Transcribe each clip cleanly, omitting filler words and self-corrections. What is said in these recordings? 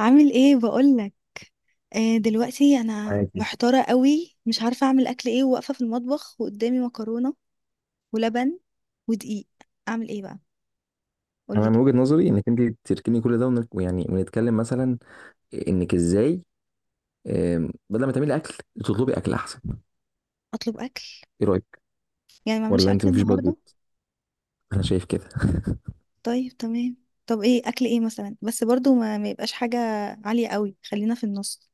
عامل ايه بقولك؟ آه، دلوقتي انا معاكي. محتارة قوي، مش عارفة اعمل اكل ايه، وواقفة في المطبخ وقدامي مكرونة ولبن ودقيق. اعمل ايه بقى؟ قولي انا من كده. وجهة نظري انك انت تركني كل ده ويعني ونتكلم مثلا انك ازاي. بدل ما تعملي اكل، تطلبي اكل احسن. اطلب اكل؟ ايه رايك؟ يعني ما اعملش ولا انت اكل مفيش النهاردة؟ بادجت. انا شايف كده. طيب، تمام. طب ايه اكل ايه مثلا، بس برضو ما يبقاش حاجة عالية قوي، خلينا في النص.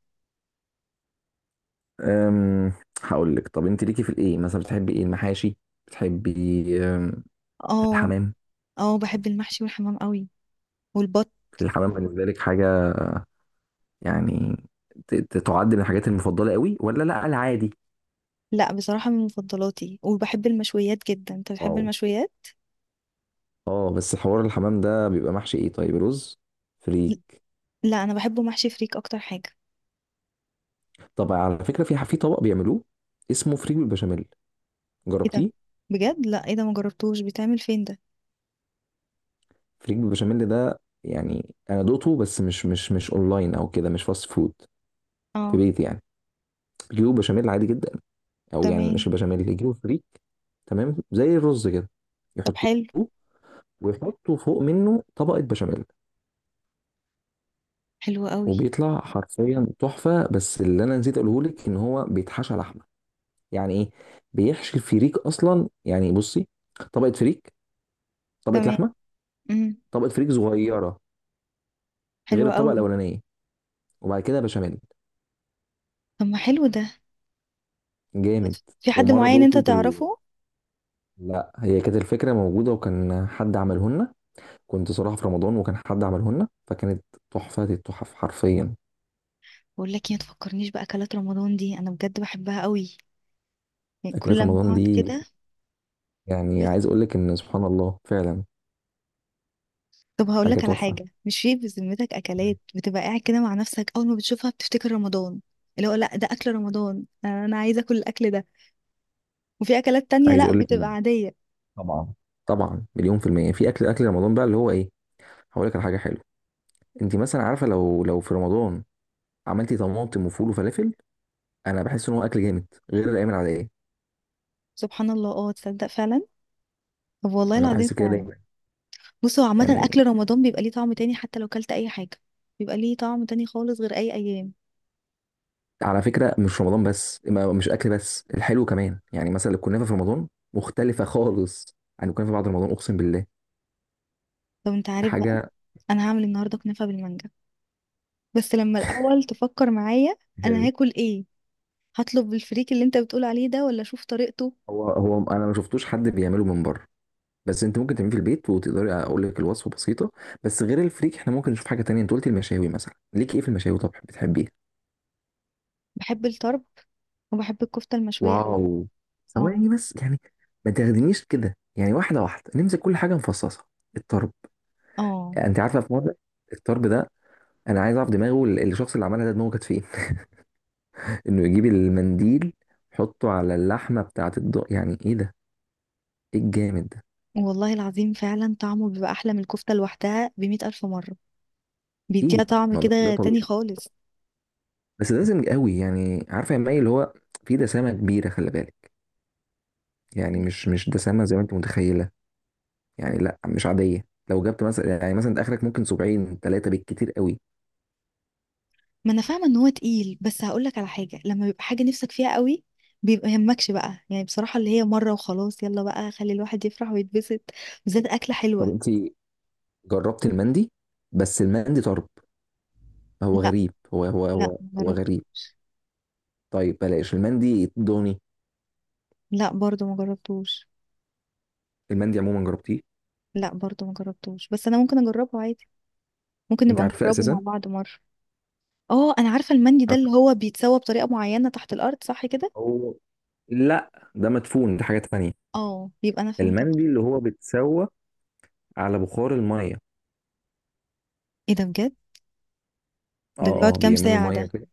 أم هقول لك، طب انت ليكي في الايه مثلا، بتحبي ايه، المحاشي؟ بتحبي أم، اه. الحمام؟ اه بحب المحشي والحمام قوي، والبط. الحمام بالنسبه لك حاجه يعني تعد من الحاجات المفضله قوي، ولا لا العادي؟ لا بصراحة من مفضلاتي، وبحب المشويات جدا. انت بتحب واو. المشويات؟ اه بس حوار الحمام ده بيبقى محشي ايه، طيب رز، فريك؟ لا انا بحبه محشي فريك اكتر حاجة. طب على فكرة، في طبق بيعملوه اسمه فريك بالبشاميل، ايه ده؟ جربتيه؟ بجد لا، ايه ده؟ ما جربتوش. بيتعمل فين ده؟ فريك بالبشاميل ده يعني انا دوقته، بس مش اونلاين او كده، مش فاست فود. في اه. بيتي يعني. بيجيبوا بشاميل عادي جدا، او يعني مش تمام. البشاميل، يجيبوا فريك. تمام زي الرز كده طب يحطوه، حلو. ويحطوا فوق منه طبقة بشاميل. حلو قوي. وبيطلع حرفيا تحفة. بس اللي انا نسيت اقوله لك ان هو بيتحشى لحمة، يعني ايه؟ بيحشي الفريك اصلا، يعني بصي، طبقة فريك، طبقة تمام. لحمة، امم طبقة فريك صغيرة حلو غير الطبقه قوي. الاولانيه، وبعد كده بشاميل. طب ما حلو ده. طب جامد. في حد ومره معين انت دقته تعرفه؟ لا، هي كانت الفكره موجوده وكان حد عمله لنا. كنت صراحه في رمضان وكان حد عمله لنا، فكانت تحفه التحف حرفيا. بقول لك إيه، ما تفكرنيش باكلات رمضان دي، انا بجد بحبها قوي. يعني اكلات كل ما رمضان اقعد دي، كده. يعني بس عايز اقول لك ان سبحان الله فعلا طب هقول حاجه لك على تحفه. حاجه، مش في بذمتك اكلات بتبقى قاعد كده مع نفسك اول ما بتشوفها بتفتكر رمضان؟ اللي هو لا ده اكل رمضان، انا عايزه اكل الاكل ده. وفي اكلات تانية عايز لا، اقول لك بتبقى إن عاديه. طبعا، 1000000% في أكل رمضان بقى، اللي هو إيه. هقول لك على حاجة حلوة. أنت مثلا عارفة، لو في رمضان عملتي طماطم وفول وفلافل، أنا بحس إن هو أكل جامد غير الأيام العادية. سبحان الله، اه تصدق فعلا. طب والله أنا العظيم بحس كده فعلا. بص هو عامة يعني. أكل رمضان بيبقى ليه طعم تاني حتى لو كلت أي حاجة. بيبقى ليه طعم تاني خالص غير أي أيام. على فكرة مش رمضان بس، مش أكل بس، الحلو كمان. يعني مثلا الكنافة في رمضان مختلفة خالص عن الكنافة بعد رمضان، أقسم بالله. طب أنت دي عارف بقى؟ حاجة. أنا هعمل النهاردة كنافة بالمانجا. بس لما الأول تفكر معايا أنا جامد. هاكل إيه. هطلب بالفريك اللي أنت بتقول عليه ده، ولا أشوف طريقته؟ هو أنا ما شفتوش حد بيعمله من بره، بس أنت ممكن تعمليه في البيت وتقدري. أقول لك الوصفة بسيطة. بس غير الفريك، إحنا ممكن نشوف حاجة تانية. أنت قلت المشاوي مثلا، ليك إيه في المشاوي؟ طب بتحبيه؟ بحب الطرب، وبحب الكفتة المشوية أوي. واو. اه. ثواني بس يعني، ما تاخدنيش كده، يعني واحدة واحدة، نمسك كل حاجة مفصصة. الطرب. اه أنت عارفة، في مرة الطرب ده، انا عايز اعرف دماغه، الشخص اللي عملها ده، دماغه كانت فين؟ انه يجيب المنديل يحطه على اللحمه بتاعه الض، يعني ايه ده، ايه الجامد ده. والله العظيم فعلا، طعمه بيبقى أحلى من الكفتة لوحدها بمئة ألف مرة. بيديها اكيد، طعم ما ده كده طبيعي. تاني خالص. بس ده دسم قوي، يعني عارفه يا مي اللي هو في دسامه كبيره، خلي بالك. يعني مش دسامه زي ما انت متخيله، يعني لا، مش عاديه. لو جبت مثلا، يعني مثلا انت اخرك ممكن 70 ثلاثه بالكتير قوي. ما انا فاهمه ان هو تقيل، بس هقول لك على حاجه: لما بيبقى حاجه نفسك فيها قوي، بيبقى يهمكش بقى، يعني بصراحه اللي هي مره وخلاص، يلا بقى خلي الواحد يفرح ويتبسط، بالذات اكله طب حلوه. انت جربت المندي؟ بس المندي طرب، هو لا. غريب. هو هو لا هو ما هو غريب. جربتوش. طيب بلاش المندي دوني. لا برضو ما جربتوش. المندي عموما جربتيه؟ لا برضو ما جربتوش، بس انا ممكن اجربه عادي. ممكن انت نبقى عارفاه نجربه مع اساسا؟ بعض مره. اه انا عارفه المندي ده اللي هو بيتسوى بطريقه معينه تحت الارض، صح كده؟ هو لا، ده مدفون، دي حاجة تانية. اه، يبقى انا فهمت غلط. المندي اللي هو بيتسوى على بخار المية. ايه ده بجد؟ ده اه، بيقعد اه، كام بيعملوا ساعه مية ده؟ كده.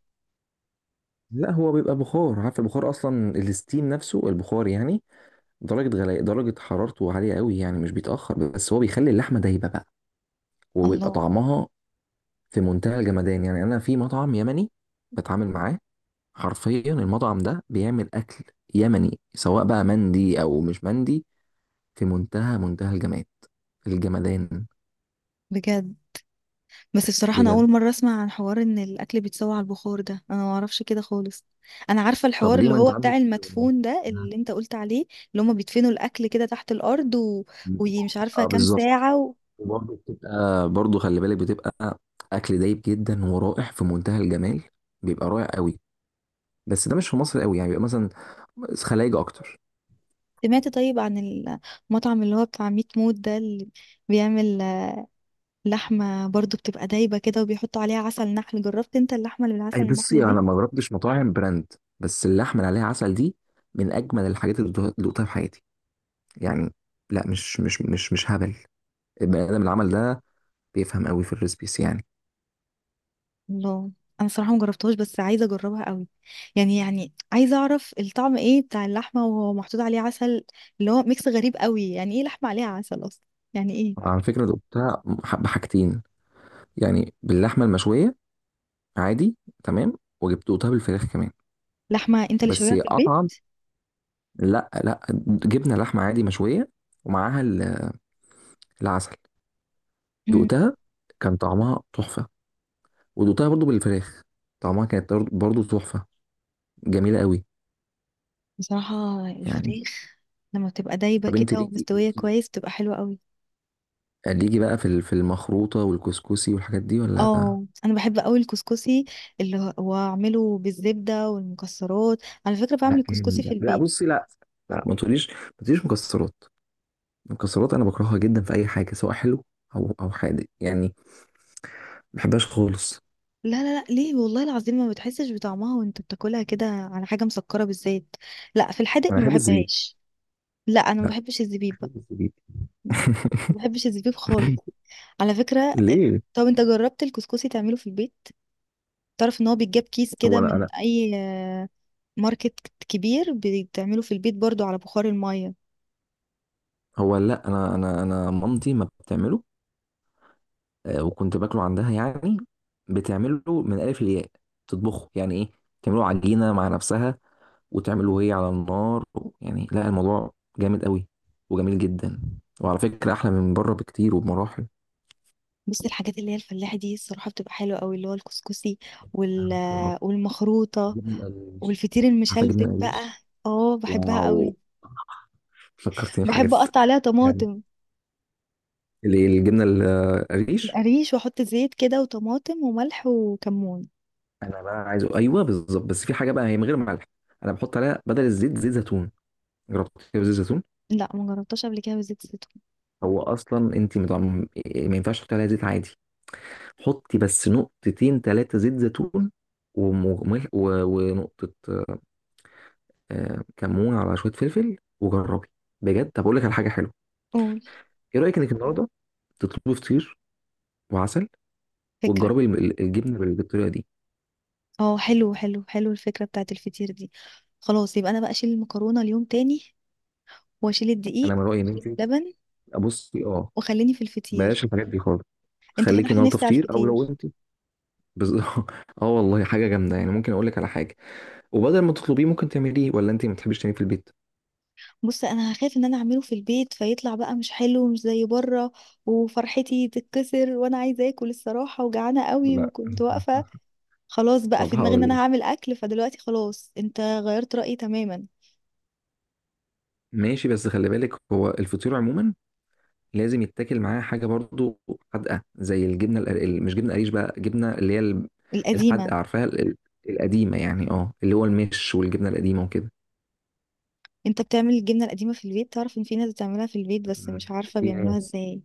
لا، هو بيبقى بخار، عارف البخار اصلا، الستيم نفسه، البخار يعني. درجة غلاء، درجة حرارته عالية قوي، يعني مش بيتأخر، بس هو بيخلي اللحمة دايبة بقى، وبيبقى الله. طعمها في منتهى الجمدان. يعني انا في مطعم يمني بتعامل معاه، حرفيا المطعم ده بيعمل اكل يمني، سواء بقى مندي او مش مندي، في منتهى الجمال، الجمدان. بجد؟ بس بصراحة أنا بجد. أول مرة أسمع عن حوار إن الأكل بيتسوى على البخار ده. أنا ما أعرفش كده خالص. أنا عارفة طب الحوار ليه، اللي ما هو انت عندك. بتاع المدفون ده اللي أنت قلت عليه. اللي هما بيدفنوا الأكل كده تحت الأرض، و... ومش عارفة اه كام بالظبط. ساعة. و... وبرضه بتبقى، برضه خلي بالك، بتبقى اكل دايب جدا ورائع في منتهى الجمال، بيبقى رائع قوي. بس ده مش في مصر قوي، يعني بيبقى مثلا خلايج اكتر. سمعت طيب عن المطعم اللي هو بتاع ميت موت ده، اللي بيعمل لحمة برضو بتبقى دايبة كده وبيحطوا عليها عسل نحل؟ جربت أنت اللحمة اللي بالعسل اي بصي، النحل دي؟ انا ما جربتش مطاعم براند، بس اللحمه اللي عليها عسل دي من اجمل الحاجات اللي دوقتها في حياتي يعني. لا، مش هبل، البني ادم اللي عمل ده بيفهم قوي في الريسبيس يعني. الله. انا صراحه مجربتهاش بس عايزه اجربها قوي. يعني عايزه اعرف الطعم ايه بتاع اللحمه وهو محطوط عليه عسل. اللي هو ميكس غريب قوي، يعني ايه لحمه عليها عسل اصلا؟ يعني ايه؟ على فكره دوقتها بحاجتين، يعني باللحمه المشويه عادي، تمام، وجبتوها بالفراخ كمان لحمه انت اللي بس شويها في البيت؟ اطعم. لا، لا، جبنه لحمه عادي مشويه، ومعاها العسل. امم دقتها كان طعمها تحفه، ودقتها برضو بالفراخ، طعمها كانت برضو تحفه، جميله قوي بصراحه يعني. الفريخ لما بتبقى دايبه طب انت كده ليكي، ومستويه ليكي كويس، بتبقى حلوه قوي. ليكي بقى في المخروطه والكسكسي والحاجات دي ولا؟ اه انا بحب قوي الكسكسي. اللي هو اعمله بالزبده والمكسرات. على فكره بعمل لا الكسكسي في جامد. لا البيت. بصي، لا، لا، ما تقوليش مكسرات. المكسرات انا بكرهها جدا في اي حاجه، سواء حلو او حادق، يعني ما بحبهاش خالص. لا ليه؟ والله العظيم ما بتحسش بطعمها وانت بتاكلها كده على حاجة مسكرة بالزيت. لا في الحادق انا ما بحب الزبيب. بحبهاش. لا انا ما بحبش الزبيب بقى. خالص جديد. لا ما بحبش الزبيب خالص، على فكرة. ليه. طب انت جربت الكسكسي تعمله في البيت؟ تعرف ان هو بيتجاب كيس هو كده انا من اي ماركت كبير، بتعمله في البيت برضو على بخار المية. هو لا، انا مامتي ما بتعمله وكنت باكله عندها يعني. بتعمله من الف للياء، تطبخه، يعني ايه، تعمله عجينه مع نفسها، وتعمله هي على النار. يعني لا، الموضوع جامد قوي وجميل جدا. وعلى فكره احلى من بره بكتير وبمراحل. بس الحاجات اللي هي الفلاحة دي الصراحة بتبقى حلوة قوي، اللي هو الكسكسي، وال... والمخروطة، جبنه القريش. والفطير عارفه جبنه المشلتت بقى. القريش؟ اه بحبها واو، قوي. فكرتني بحاجات بحب اقطع عليها يعني. طماطم. الجبنه القريش. القريش، واحط زيت كده وطماطم وملح وكمون. انا بقى عايزه، ايوه بالظبط، بس في حاجه بقى هي من غير ملح. انا بحط عليها بدل الزيت زيت زيتون. جربت كده زيت زيتون؟ لا ما جربتهاش قبل كده بزيت الزيتون. هو اصلا انت ما ينفعش تحطي عليها زيت عادي. حطي بس نقطتين 3 زيت زيتون، وملح، ونقطه كمون، على شويه فلفل، وجربي بجد. طب اقول لك على حاجه حلوه. قول. ايه رايك انك النهارده تطلبي فطير وعسل، فكرة. وتجربي الجبنه بالطريقه دي. اه حلو حلو حلو الفكرة بتاعت الفطير دي. خلاص يبقى انا بقى اشيل المكرونة اليوم تاني، واشيل الدقيق، انا من رايي ان واشيل انت، اللبن، ابصي اه، وخليني في الفطير. بلاش الحاجات دي خالص. انت خليكي فتحت النهارده نفسي على فطير، او لو الفطير. انت بز... اه والله حاجه جامده يعني. ممكن اقول لك على حاجه، وبدل ما تطلبيه ممكن تعمليه، ولا انت ما بتحبيش تعمليه في البيت؟ بص انا هخاف ان انا اعمله في البيت فيطلع بقى مش حلو، مش زي بره، وفرحتي تتكسر، وانا عايزه اكل الصراحه، وجعانه قوي، لا. وكنت واقفه. خلاص بقى طب في دماغي ان هقول انا لك، هعمل اكل، فدلوقتي خلاص انت غيرت رأيي تماما. ماشي، بس خلي بالك هو الفطير عموما لازم يتاكل معاه حاجه برضو حادقه، زي الجبنه القرقل، مش جبنه قريش بقى، جبنه اللي هي القديمة. الحادقه عارفاها، القديمه يعني، اه اللي هو المش والجبنه القديمه وكده. انت بتعمل الجبنة القديمة في البيت؟ تعرف ان في ناس بتعملها في البيت، بس مش عارفة في بيعملوها ناس، ازاي.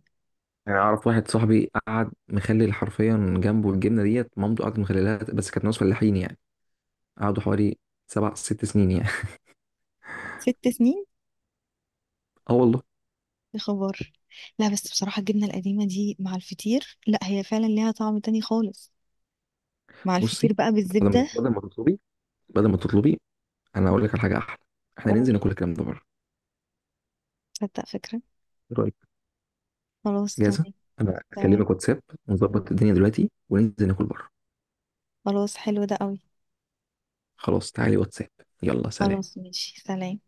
يعني اعرف واحد صاحبي قعد مخلل حرفيا جنبه الجبنه ديت، مامته قعدت مخللها، بس كانت ناس فلاحين يعني، قعدوا حوالي 7 6 سنين يعني. ست سنين؟ اه والله. يا خبر. لا بس بصراحة الجبنة القديمة دي مع الفطير، لا هي فعلا ليها طعم تاني خالص، مع الفطير بصي، بقى بالزبدة. بدل ما تطلبي، بدل ما تطلبي انا هقول لك على حاجه احلى، احنا قول. ننزل ناكل الكلام ده بره. تصدق فكرة. ايه رايك؟ خلاص جاهزه. تمام. انا تمام. اكلمك واتساب، ونظبط الدنيا دلوقتي، وننزل ناكل بره. خلاص حلو ده قوي. خلاص تعالي واتساب. يلا سلام. خلاص ماشي، سلام.